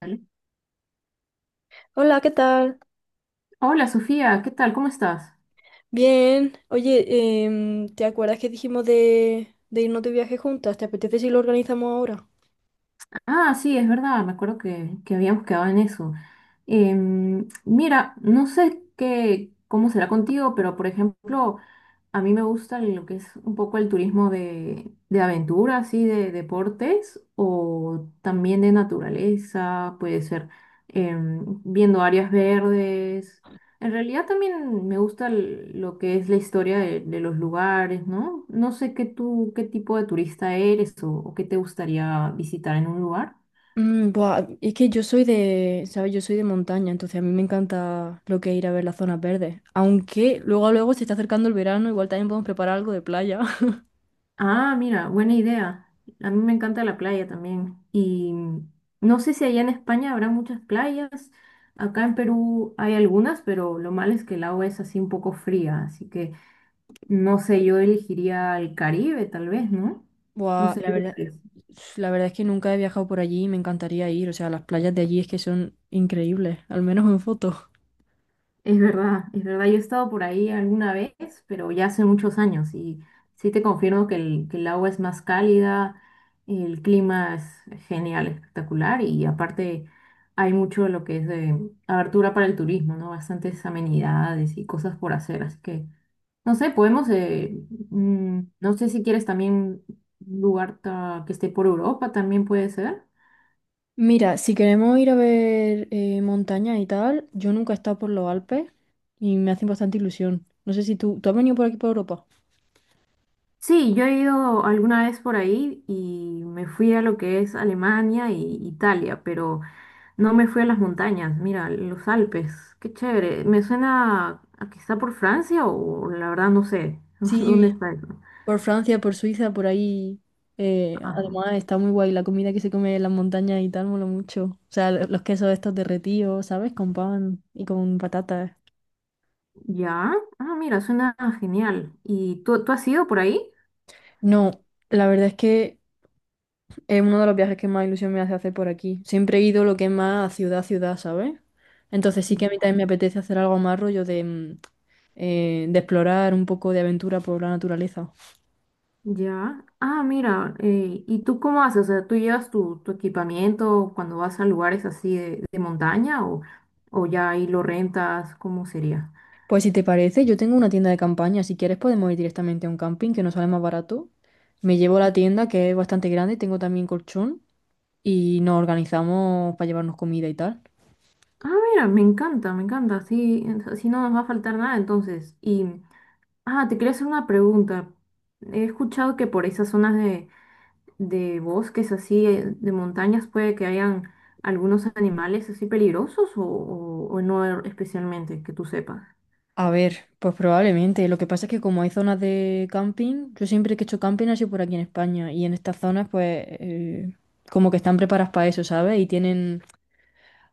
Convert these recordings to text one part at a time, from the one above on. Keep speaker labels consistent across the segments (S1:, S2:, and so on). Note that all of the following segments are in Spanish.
S1: Dale.
S2: Hola, ¿qué tal?
S1: Hola Sofía, ¿qué tal? ¿Cómo estás?
S2: Bien. Oye, ¿te acuerdas que dijimos de irnos de viaje juntas? ¿Te apetece si lo organizamos ahora?
S1: Ah, sí, es verdad, me acuerdo que habíamos quedado en eso. Mira, no sé qué, cómo será contigo, pero por ejemplo, a mí me gusta lo que es un poco el turismo de aventura, así de deportes o también de naturaleza, puede ser, viendo áreas verdes. En realidad también me gusta lo que es la historia de los lugares, ¿no? No sé qué tú, qué tipo de turista eres o qué te gustaría visitar en un lugar.
S2: Buah, es que yo soy de, ¿sabes? Yo soy de montaña, entonces a mí me encanta lo que es ir a ver las zonas verdes. Aunque luego a luego se está acercando el verano, igual también podemos preparar algo de playa.
S1: Ah, mira, buena idea. A mí me encanta la playa también. Y no sé si allá en España habrá muchas playas. Acá en Perú hay algunas, pero lo malo es que el agua es así un poco fría. Así que no sé, yo elegiría el Caribe tal vez, ¿no? No
S2: Buah,
S1: sé qué tú crees.
S2: la verdad es que nunca he viajado por allí y me encantaría ir. O sea, las playas de allí es que son increíbles, al menos en fotos.
S1: Es verdad, es verdad. Yo he estado por ahí alguna vez, pero ya hace muchos años y sí te confirmo que el agua es más cálida, el clima es genial, espectacular y aparte hay mucho de lo que es de abertura para el turismo, ¿no? Bastantes amenidades y cosas por hacer, así que no sé, podemos, no sé si quieres también un lugar que esté por Europa, también puede ser.
S2: Mira, si queremos ir a ver montañas y tal, yo nunca he estado por los Alpes y me hacen bastante ilusión. No sé si tú, ¿tú has venido por aquí, por Europa?
S1: Sí, yo he ido alguna vez por ahí y me fui a lo que es Alemania e Italia, pero no me fui a las montañas, mira, los Alpes, qué chévere. Me suena a que está por Francia o la verdad no sé dónde
S2: Sí,
S1: está eso.
S2: por Francia, por Suiza, por ahí.
S1: Ajá.
S2: Además, está muy guay la comida que se come en las montañas y tal, mola mucho. O sea, los quesos estos derretidos, ¿sabes? Con pan y con patatas.
S1: Ya, ah, mira, suena genial. ¿Y tú has ido por ahí?
S2: No, la verdad es que es uno de los viajes que más ilusión me hace hacer por aquí. Siempre he ido lo que es más a ciudad, ciudad, ¿sabes? Entonces sí que a mí también me
S1: Ya.
S2: apetece hacer algo más rollo de, de explorar un poco de aventura por la naturaleza.
S1: Ya. Ah, mira, ¿y tú cómo haces? O sea, ¿tú llevas tu equipamiento cuando vas a lugares así de montaña o ya ahí lo rentas? ¿Cómo sería?
S2: Pues si te parece, yo tengo una tienda de campaña. Si quieres podemos ir directamente a un camping que nos sale más barato. Me llevo la tienda que es bastante grande, tengo también colchón y nos organizamos para llevarnos comida y tal.
S1: Ah, mira, me encanta, me encanta. Así, así no nos va a faltar nada entonces. Y, ah, te quería hacer una pregunta. He escuchado que por esas zonas de bosques así, de montañas, puede que hayan algunos animales así peligrosos o no especialmente, que tú sepas.
S2: A ver, pues probablemente. Lo que pasa es que como hay zonas de camping, yo siempre que he hecho camping ha sido por aquí en España y en estas zonas pues como que están preparadas para eso, ¿sabes? Y tienen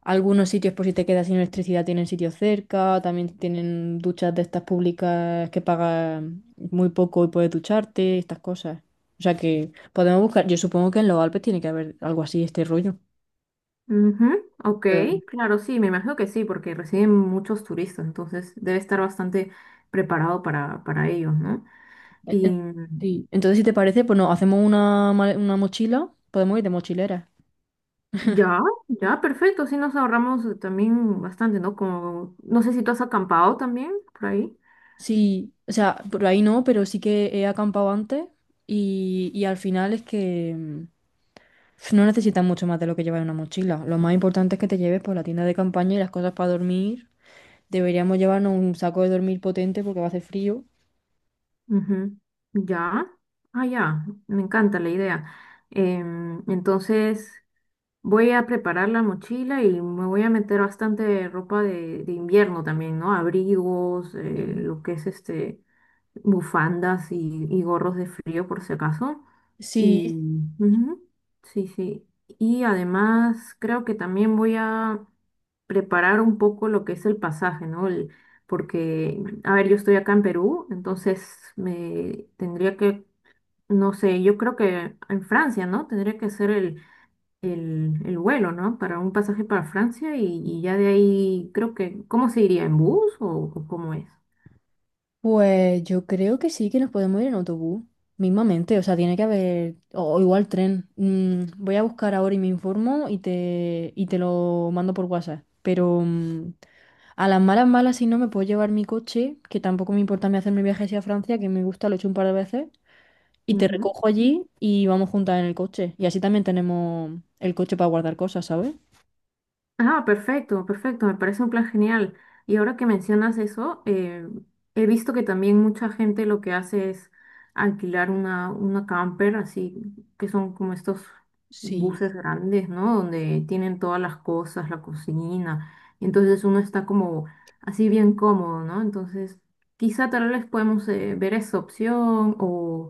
S2: algunos sitios por si te quedas sin electricidad, tienen sitios cerca, también tienen duchas de estas públicas que pagas muy poco y puedes ducharte, estas cosas. O sea que podemos buscar, yo supongo que en los Alpes tiene que haber algo así, este rollo.
S1: Ujú, ok,
S2: Pero-
S1: claro, sí, me imagino que sí, porque reciben muchos turistas, entonces debe estar bastante preparado para ellos, ¿no?
S2: Eh, eh,
S1: Y
S2: Sí. Entonces, si te parece, pues nos hacemos una mochila, podemos ir de mochilera.
S1: ya, ya, perfecto, sí nos ahorramos, también bastante, ¿no? Como, no sé si tú has acampado también por ahí.
S2: Sí, o sea, por ahí no, pero sí que he acampado antes y al final es que no necesitas mucho más de lo que llevar en una mochila. Lo más importante es que te lleves por la tienda de campaña y las cosas para dormir. Deberíamos llevarnos un saco de dormir potente porque va a hacer frío.
S1: Ujú, ya, ah, ya, me encanta la idea. Entonces, voy a preparar la mochila y me voy a meter bastante ropa de invierno también, ¿no? Abrigos, lo que es bufandas y gorros de frío por si acaso.
S2: Sí,
S1: Y ujú, sí, sí. Y además creo que también voy a preparar un poco lo que es el pasaje, ¿no? Porque, a ver, yo estoy acá en Perú, entonces me tendría que, no sé, yo creo que en Francia, ¿no? Tendría que hacer el vuelo, ¿no? Para un pasaje para Francia y ya de ahí creo que, ¿cómo se iría? ¿En bus o cómo es?
S2: pues yo creo que sí, que nos podemos ir en autobús, mismamente, o sea, tiene que haber, o igual tren. Voy a buscar ahora y me informo y te lo mando por WhatsApp, pero a las malas, malas, si no, me puedo llevar mi coche, que tampoco me importa me hacerme mi viaje hacia Francia, que me gusta, lo he hecho un par de veces, y te recojo allí y vamos juntas en el coche. Y así también tenemos el coche para guardar cosas, ¿sabes?
S1: Ah, perfecto, perfecto, me parece un plan genial. Y ahora que mencionas eso, he visto que también mucha gente lo que hace es alquilar una camper, así que son como estos
S2: Sí,
S1: buses grandes, ¿no? Donde tienen todas las cosas, la cocina. Entonces uno está como así bien cómodo, ¿no? Entonces quizá tal vez podemos, ver esa opción o,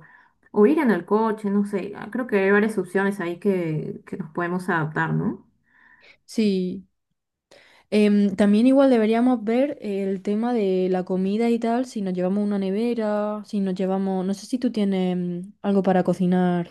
S1: o ir en el coche, no sé. Ah, creo que hay varias opciones ahí que nos podemos adaptar, ¿no?
S2: sí. También igual deberíamos ver el tema de la comida y tal, si nos llevamos una nevera, si nos llevamos, no sé si tú tienes algo para cocinar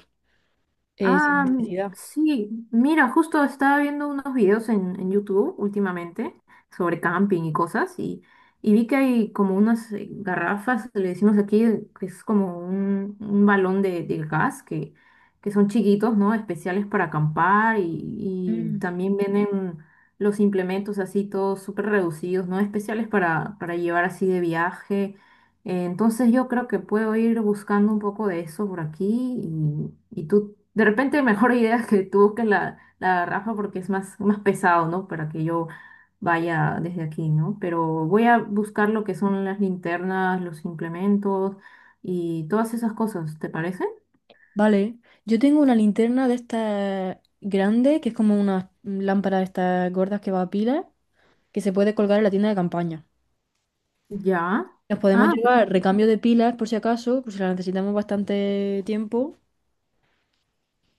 S2: sin
S1: Ah,
S2: necesidad.
S1: sí, mira, justo estaba viendo unos videos en YouTube últimamente sobre camping y cosas y vi que hay como unas, garrafas, le decimos aquí, que es como un balón de gas que son chiquitos, ¿no? Especiales para acampar y
S2: Mm.
S1: también vienen los implementos así todos súper reducidos, ¿no? Especiales para llevar así de viaje. Entonces yo creo que puedo ir buscando un poco de eso por aquí y tú de repente mejor idea que tú que la garrafa porque es más, más pesado, ¿no? Para que yo vaya desde aquí, ¿no? Pero voy a buscar lo que son las linternas, los implementos y todas esas cosas, ¿te parece?
S2: Vale, yo tengo una linterna de estas grande, que es como una lámpara de estas gordas que va a pilas, que se puede colgar en la tienda de campaña.
S1: Ya.
S2: Nos podemos
S1: Ah,
S2: llevar recambio de pilas por si acaso, por si las necesitamos bastante tiempo.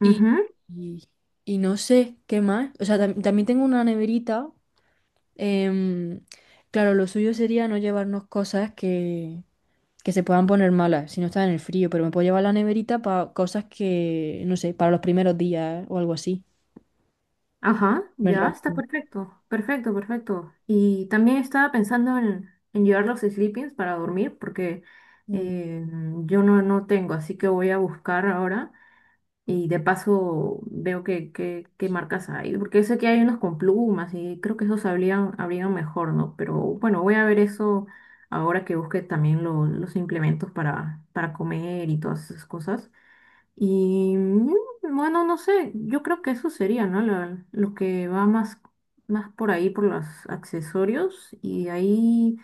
S2: Y,
S1: ujú,
S2: y- y no sé qué más. O sea, también tengo una neverita. em, claro, lo suyo sería no llevarnos cosas que se puedan poner malas si no está en el frío, pero me puedo llevar la neverita para cosas que, no sé, para los primeros días o algo así.
S1: ajá,
S2: Muy
S1: ya está
S2: rápido.
S1: perfecto. Perfecto, perfecto. Y también estaba pensando en llevar los sleepings para dormir porque,
S2: Mm.
S1: eh, yo no tengo, así que voy a buscar ahora. Y de paso veo qué que, qué qué marcas hay, porque sé que hay unos con plumas y creo que esos habrían mejor, ¿no? Pero bueno, voy a ver eso ahora que busque también los implementos para comer y todas esas cosas. Y bueno, no sé, yo creo que eso sería, ¿no? Lo que va más, más por ahí, por los accesorios. Y de ahí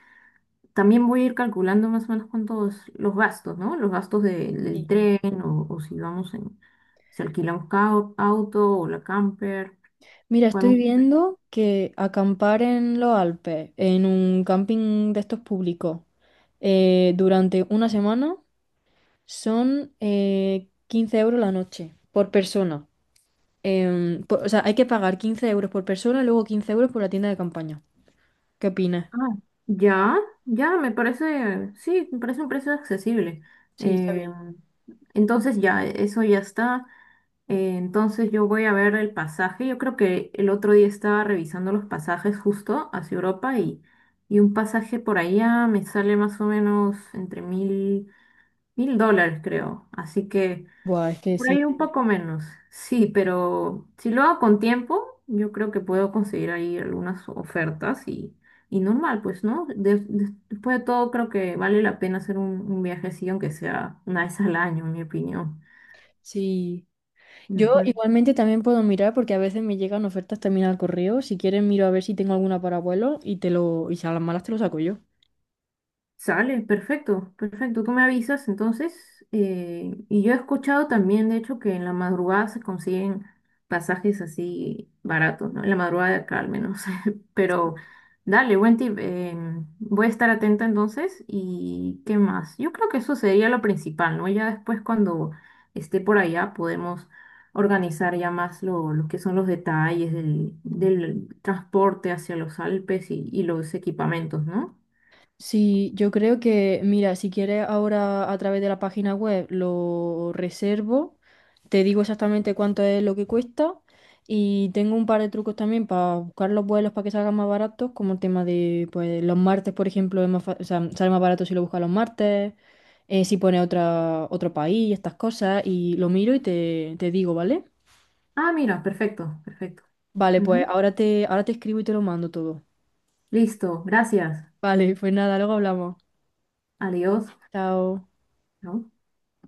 S1: también voy a ir calculando más o menos cuántos los gastos, ¿no? Los gastos
S2: Sí.
S1: del tren o si vamos en, si alquilamos auto o la camper,
S2: Mira, estoy
S1: podemos...
S2: viendo que acampar en los Alpes, en un camping de estos públicos, durante una semana son 15 euros la noche por persona. O sea, hay que pagar 15 euros por persona y luego 15 euros por la tienda de campaña. ¿Qué opinas?
S1: Ah, ya, ya, me parece, sí, me parece un precio accesible.
S2: Sí, está
S1: Eh,
S2: bien.
S1: entonces ya, eso ya está. Entonces yo voy a ver el pasaje. Yo creo que el otro día estaba revisando los pasajes justo hacia Europa y un pasaje por allá me sale más o menos entre mil dólares, creo. Así que
S2: Buah, es que
S1: por
S2: sí.
S1: ahí un poco menos. Sí, pero si lo hago con tiempo, yo creo que puedo conseguir ahí algunas ofertas y normal, pues, ¿no? Después de todo, creo que vale la pena hacer un viajecillo, aunque sea una vez al año, en mi opinión.
S2: Sí. Yo igualmente también puedo mirar porque a veces me llegan ofertas también al correo. Si quieres miro a ver si tengo alguna para vuelo y te lo, y si a las malas te lo saco yo.
S1: Sale, perfecto, perfecto. Tú me avisas entonces. Y yo he escuchado también, de hecho, que en la madrugada se consiguen pasajes así baratos, ¿no? En la madrugada de acá al menos. Pero dale, buen tip. Voy a estar atenta entonces. ¿Y qué más? Yo creo que eso sería lo principal, ¿no? Ya después cuando esté por allá podemos organizar ya más lo que son los detalles del transporte hacia los Alpes y los equipamientos, ¿no?
S2: Sí, yo creo que, mira, si quieres ahora a través de la página web lo reservo, te digo exactamente cuánto es lo que cuesta y tengo un par de trucos también para buscar los vuelos para que salgan más baratos, como el tema de, pues, los martes, por ejemplo, es más o sea, sale más barato si lo buscas los martes, si pone otra, otro país, estas cosas, y lo miro y te digo, ¿vale?
S1: Ah, mira, perfecto, perfecto.
S2: Vale, pues
S1: Ujú.
S2: ahora te escribo y te lo mando todo.
S1: Listo, gracias.
S2: Vale, pues nada, luego hablamos.
S1: Adiós.
S2: Chao.
S1: ¿No?